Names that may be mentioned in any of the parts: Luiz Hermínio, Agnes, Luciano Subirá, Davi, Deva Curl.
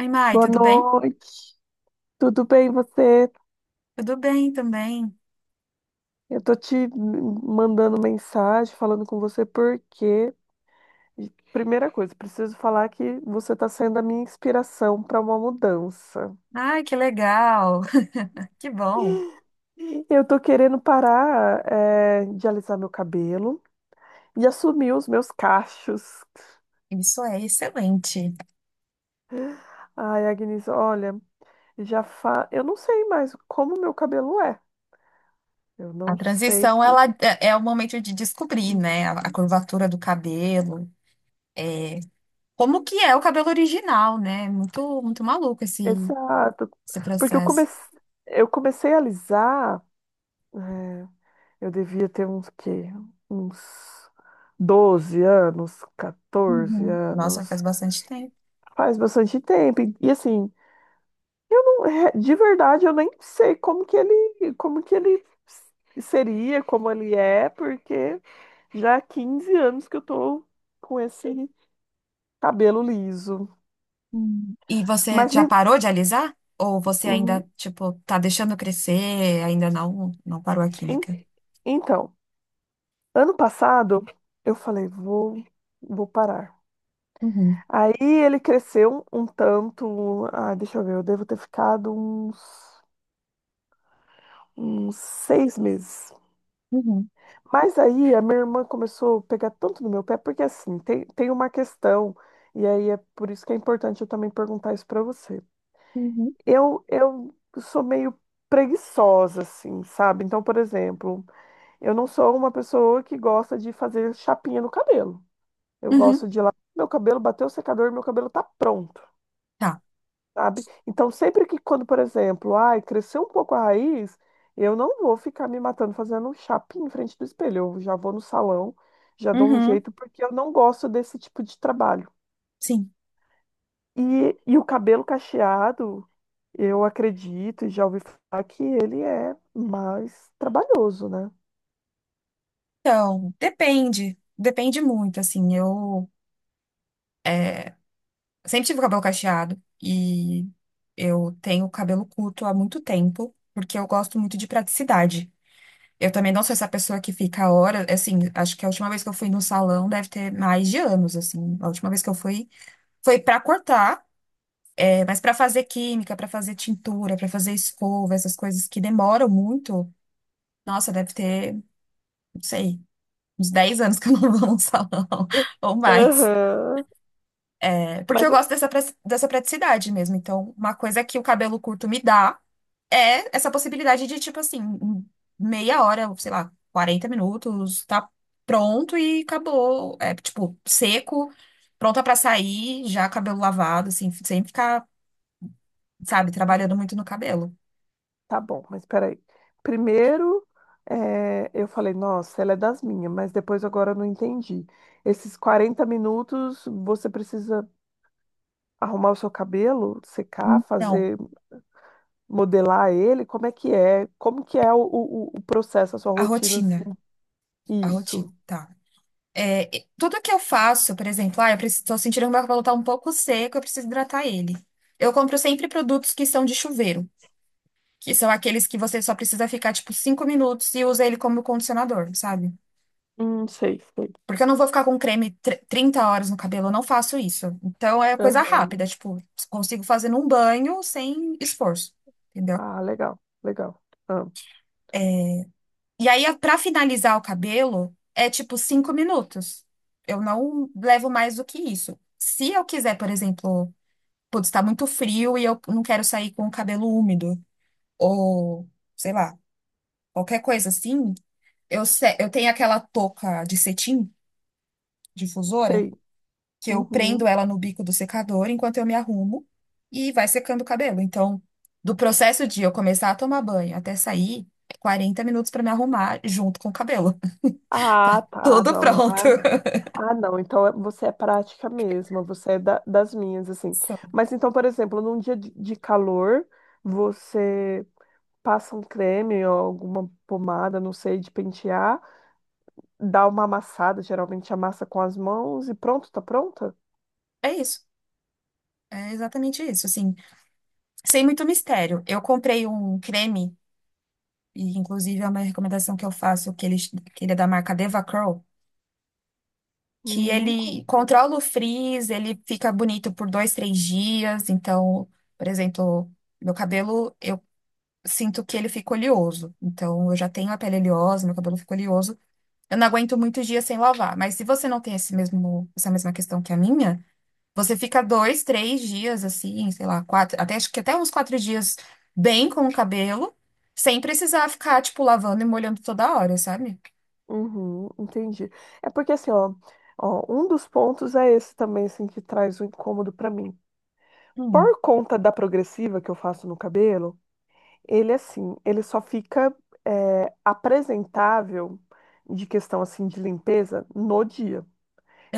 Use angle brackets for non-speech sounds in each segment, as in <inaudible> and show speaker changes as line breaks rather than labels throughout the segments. Oi, Mai,
Boa
tudo bem?
noite. Tudo bem, você?
Tudo bem também.
Eu tô te mandando mensagem, falando com você porque, primeira coisa, preciso falar que você tá sendo a minha inspiração para uma mudança.
Ai, que legal. <laughs> Que bom.
Eu tô querendo parar, de alisar meu cabelo e assumir os meus cachos.
Isso é excelente.
Ai, Agnes, olha, eu não sei mais como meu cabelo é. Eu
A
não sei.
transição, ela é o momento de descobrir, né? A curvatura do cabelo, é, como que é o cabelo original, né? Muito, muito maluco esse,
Exato.
esse
Porque eu
processo.
comecei, eu comecei a alisar. eh, Eu devia ter uns quê? Uns 12 anos, 14
Uhum. Nossa, faz
anos.
bastante tempo.
Faz bastante tempo. E assim, não é- de verdade eu nem sei como que ele, seria, como ele é, porque já há 15 anos que eu tô com esse cabelo liso.
Hum. E você
Mas
já
me-
parou de alisar? Ou você
hum,
ainda, tipo, tá deixando crescer, ainda não parou a
en-
química?
então, ano passado eu falei, vou, vou parar.
Uhum.
Aí ele cresceu um tanto, ah, deixa eu ver, eu devo ter ficado uns, uns 6 meses.
Uhum.
Mas aí a minha irmã começou a pegar tanto no meu pé, porque assim, tem uma questão, e aí é por isso que é importante eu também perguntar isso pra você.
Uhum.
Eu sou meio preguiçosa, assim, sabe? Então, por exemplo, eu não sou uma pessoa que gosta de fazer chapinha no cabelo. Eu
Uhum.
gosto de ir lá, meu cabelo bateu o secador, meu cabelo tá pronto.
Tá.
Sabe? Então, sempre que quando, por exemplo, ai, cresceu um pouco a raiz, eu não vou ficar me matando fazendo um chapinho em frente do espelho. Eu já vou no salão, já dou um
Uhum,
jeito, porque eu não gosto desse tipo de trabalho.
sim.
E o cabelo cacheado, eu acredito e já ouvi falar que ele é mais trabalhoso, né?
Então, depende. Depende muito, assim. Eu sempre tive o cabelo cacheado e eu tenho cabelo curto há muito tempo, porque eu gosto muito de praticidade. Eu também não sou essa pessoa que fica horas assim, acho que a última vez que eu fui no salão deve ter mais de anos, assim. A última vez que eu fui foi pra cortar, mas pra fazer química, pra fazer tintura, pra fazer escova, essas coisas que demoram muito. Nossa, deve ter, não sei, uns 10 anos que eu não vou no salão <laughs> ou
<laughs>
mais.
Aham.
É. Porque
Mas
eu gosto dessa, pra- dessa praticidade mesmo. Então, uma coisa que o cabelo curto me dá é essa possibilidade de, tipo assim, em meia hora, sei lá, 40 minutos, tá pronto e acabou. É, tipo, seco, pronta pra sair, já cabelo lavado, assim, sem ficar, sabe, trabalhando muito no cabelo.
Tá bom, mas peraí. Primeiro, eu falei, nossa, ela é das minhas, mas depois agora eu não entendi. Esses 40 minutos você precisa arrumar o seu cabelo, secar,
Então,
fazer, modelar ele? Como é que é? Como que é o processo, a sua
a
rotina, assim?
rotina. A rotina.
Isso.
Tá. Tudo que eu faço, por exemplo, ah, eu estou sentindo que meu cabelo está um pouco seco, eu preciso hidratar ele. Eu compro sempre produtos que são de chuveiro, que são aqueles que você só precisa ficar, tipo, cinco minutos e usa ele como condicionador, sabe?
Sei, sei.
Porque eu não vou ficar com 30 horas no cabelo, eu não faço isso. Então é coisa
Aham.
rápida, tipo, consigo fazer num banho sem esforço, entendeu?
Ah, legal, legal. Ah,
É. E aí, pra finalizar o cabelo, é tipo cinco minutos. Eu não levo mais do que isso. Se eu quiser, por exemplo, putz, tá muito frio e eu não quero sair com o cabelo úmido, ou sei lá, qualquer coisa assim, eu, se- eu tenho aquela touca de cetim, difusora,
sei.
que eu prendo
Uhum.
ela no bico do secador enquanto eu me arrumo e vai secando o cabelo. Então, do processo de eu começar a tomar banho até sair, é 40 minutos pra me arrumar junto com o cabelo. <laughs>
Ah, tá.
Tudo
Não, não.
pronto.
Ah, não, então você é prática mesmo, você é das minhas, assim.
<laughs> Só.
Mas então, por exemplo, num dia de calor, você passa um creme ou alguma pomada, não sei, de pentear, dá uma amassada, geralmente amassa com as mãos e pronto, tá pronta?
É isso. É exatamente isso, assim, sem muito mistério. Eu comprei um creme. E, inclusive, é uma recomendação que eu faço, que ele é da marca Deva Curl, que
Nunca.
ele controla o frizz, ele fica bonito por dois, três dias. Então, por exemplo, meu cabelo, eu sinto que ele fica oleoso. Então, eu já tenho a pele oleosa, meu cabelo fica oleoso. Eu não aguento muitos dias sem lavar. Mas se você não tem esse mesmo, essa mesma questão que a minha, você fica dois, três dias, assim, sei lá, quatro, até, acho que até uns quatro dias bem com o cabelo. Sem precisar ficar, tipo, lavando e molhando toda hora, sabe?
Uhum, entendi. É porque assim, ó, um dos pontos é esse também, assim, que traz um incômodo pra mim.
Hum,
Por conta da progressiva que eu faço no cabelo, ele assim, ele só fica apresentável de questão assim de limpeza no dia.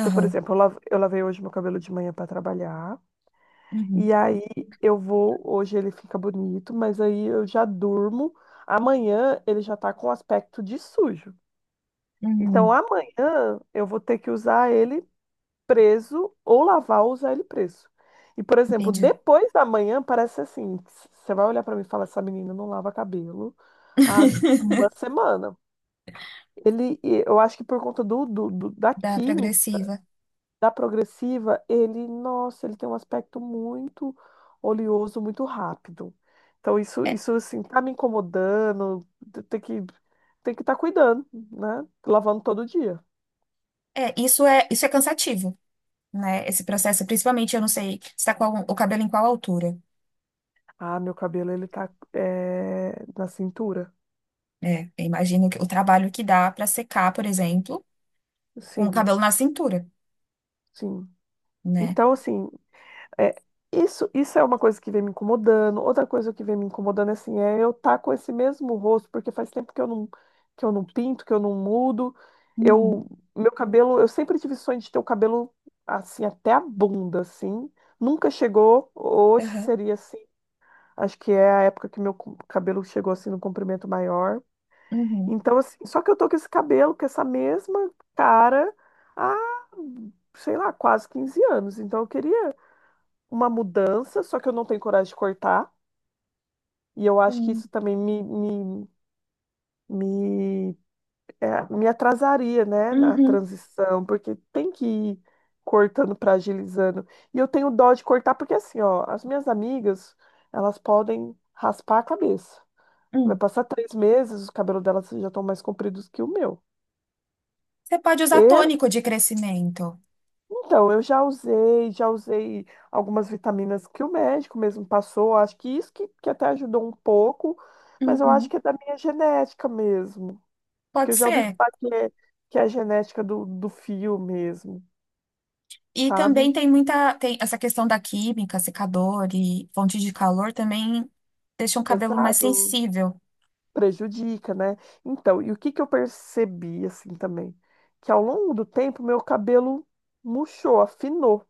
Então, por exemplo, eu lavei hoje meu cabelo de manhã para trabalhar
uhum,
e aí eu vou hoje ele fica bonito, mas aí eu já durmo. Amanhã ele já tá com aspecto de sujo. Então,
uhum,
amanhã eu vou ter que usar ele preso ou lavar ou usar ele preso. E, por exemplo,
entendi.
depois da manhã, parece assim: você vai olhar pra mim e falar, essa menina não lava cabelo há uma semana. E eu acho que por conta da
Da
química,
progressiva.
da progressiva, ele, nossa, ele tem um aspecto muito oleoso, muito rápido. Então,
É,
isso assim, tá me incomodando, tem que, tem que estar cuidando, né? Lavando todo dia.
isso é cansativo, né? Esse processo, principalmente, eu não sei, se está com o cabelo em qual altura.
Ah, meu cabelo, ele tá, é, na cintura.
Né? Eu imagino que o trabalho que dá para secar, por exemplo, com o
Sim,
cabelo na cintura,
sim.
né?
Então, assim, é, isso é uma coisa que vem me incomodando. Outra coisa que vem me incomodando, assim, é eu estar com esse mesmo rosto, porque faz tempo que eu não pinto, que eu não mudo.
Uhum,
Eu, meu cabelo, eu sempre tive sonho de ter o cabelo, assim, até a bunda, assim. Nunca chegou, hoje
aham,
seria assim. Acho que é a época que meu cabelo chegou, assim, no comprimento maior.
uhum,
Então, assim, só que eu tô com esse cabelo, com essa mesma cara, há, sei lá, quase 15 anos. Então, eu queria uma mudança, só que eu não tenho coragem de cortar. E eu acho que
uhum,
isso também me, me atrasaria, né, na
uhum,
transição, porque tem que ir cortando para agilizando. E eu tenho dó de cortar, porque assim, ó, as minhas amigas, elas podem raspar a cabeça. Vai
uhum.
passar três meses, os cabelos delas já estão mais compridos que o meu.
Você pode usar tônico de crescimento.
Então, já usei algumas vitaminas que o médico mesmo passou. Acho que isso que até ajudou um pouco, mas eu acho
Uhum,
que é da minha genética mesmo. Que
pode
eu já ouvi
ser.
falar que é a genética do fio mesmo,
E
sabe?
também tem essa questão da química, secador e fonte de calor também deixam o cabelo mais
Exato,
sensível.
prejudica, né? Então, e o que que eu percebi assim também? Que ao longo do tempo, meu cabelo murchou, afinou.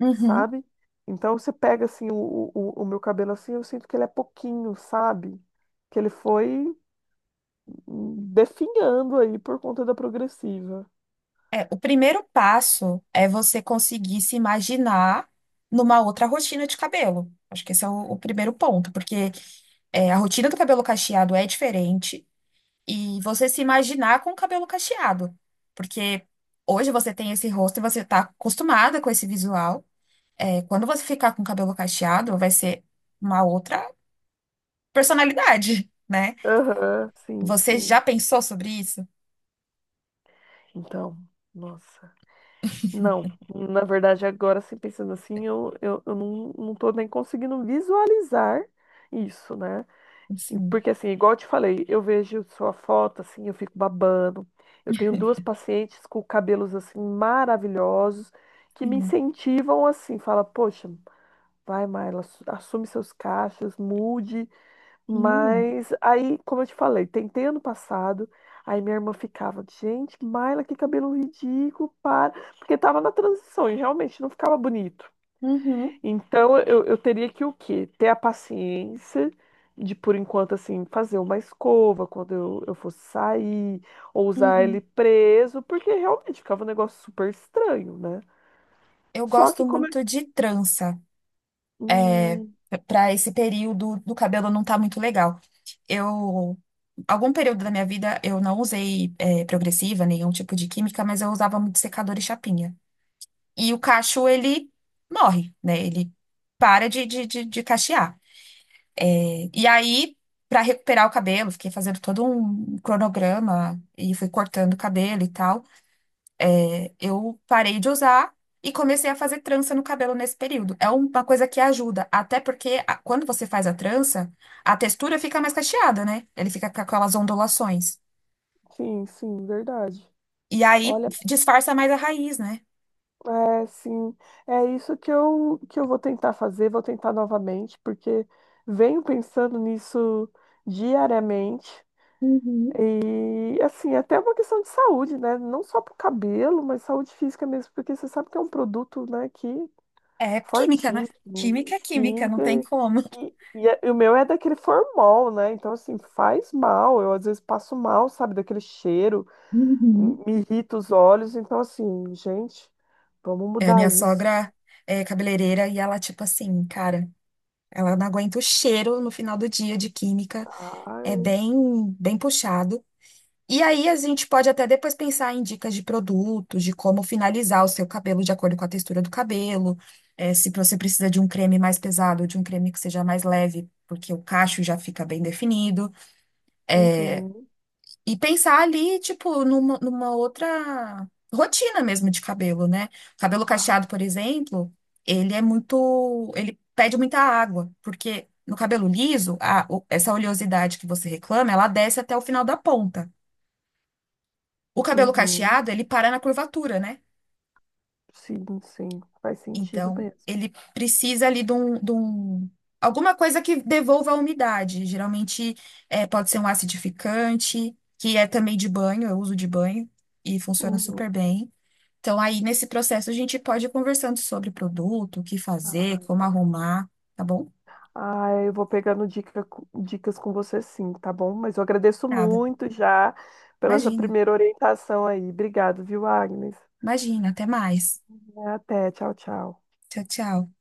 Uhum.
Sabe? Então você pega assim o meu cabelo assim, eu sinto que ele é pouquinho, sabe? Que ele foi definhando aí por conta da progressiva.
É, o primeiro passo é você conseguir se imaginar numa outra rotina de cabelo. Acho que esse é o primeiro ponto, porque é, a rotina do cabelo cacheado é diferente e você se imaginar com o cabelo cacheado, porque hoje você tem esse rosto e você está acostumada com esse visual. É, quando você ficar com o cabelo cacheado, vai ser uma outra personalidade, né?
Aham, sim,
Você
sim.
já pensou sobre isso?
Então, nossa. Não, na verdade, agora assim, pensando assim, eu não, não tô nem conseguindo visualizar isso, né?
Sim,
Porque assim, igual eu te falei, eu vejo sua foto assim, eu fico babando. Eu tenho duas pacientes com cabelos assim maravilhosos que me
sim,
incentivam assim, fala: "Poxa, vai, Marla, assume seus cachos, mude".
sim.
Mas aí, como eu te falei, tentei ano passado, aí minha irmã ficava: "Gente, Marla, que cabelo ridículo, para". Porque tava na transição e realmente não ficava bonito.
Uhum,
Então, eu teria que o quê? Ter a paciência de, por enquanto, assim, fazer uma escova quando eu fosse sair, ou usar
uhum.
ele preso, porque realmente ficava um negócio super estranho, né?
Eu
Só que
gosto
como... é-
muito de trança
Hum,
para esse período do cabelo não tá muito legal. Eu algum período da minha vida eu não usei progressiva, nenhum tipo de química, mas eu usava muito secador e chapinha. E o cacho ele morre, né? Ele para de cachear. E aí, para recuperar o cabelo, fiquei fazendo todo um cronograma e fui cortando o cabelo e tal. É, eu parei de usar e comecei a fazer trança no cabelo nesse período. É uma coisa que ajuda, até porque quando você faz a trança, a textura fica mais cacheada, né? Ele fica com aquelas ondulações.
sim, sim, verdade.
E aí
Olha,
disfarça mais a raiz, né?
é, sim, é isso que eu vou tentar fazer, vou tentar novamente, porque venho pensando nisso diariamente.
Uhum.
E assim, é até uma questão de saúde, né? Não só para o cabelo, mas saúde física mesmo, porque você sabe que é um produto, né, que
É química, né?
fortíssimo,
Química é química, não
químico,
tem como.
e o meu é daquele formol, né? Então, assim, faz mal. Eu às vezes passo mal, sabe, daquele cheiro,
Uhum.
me irrita os olhos. Então, assim, gente, vamos
É, minha
mudar isso.
sogra é cabeleireira e ela, tipo assim, cara. Ela não aguenta o cheiro no final do dia de química, é
Ai,
bem, bem puxado. E aí a gente pode até depois pensar em dicas de produtos, de como finalizar o seu cabelo de acordo com a textura do cabelo, se você precisa de um creme mais pesado ou de um creme que seja mais leve, porque o cacho já fica bem definido.
uhum,
E pensar ali, tipo, numa outra rotina mesmo de cabelo, né? Cabelo
ah,
cacheado, por exemplo, ele pede muita água, porque no cabelo liso, essa oleosidade que você reclama, ela desce até o final da ponta. O cabelo
uhum,
cacheado, ele para na curvatura, né?
sim, sim, faz sentido
Então,
mesmo.
ele precisa ali alguma coisa que devolva a umidade. Geralmente, é, pode ser um acidificante, que é também de banho, eu uso de banho e funciona
Uhum,
super bem. Então, aí nesse processo a gente pode ir conversando sobre o produto, o que fazer, como
ah.
arrumar, tá bom?
Ah, eu vou pegando dica, dicas com você sim, tá bom? Mas eu agradeço
Nada.
muito já pela essa
Imagina,
primeira orientação aí. Obrigado, viu, Agnes?
imagina. Até mais.
Até, tchau, tchau.
Tchau, tchau.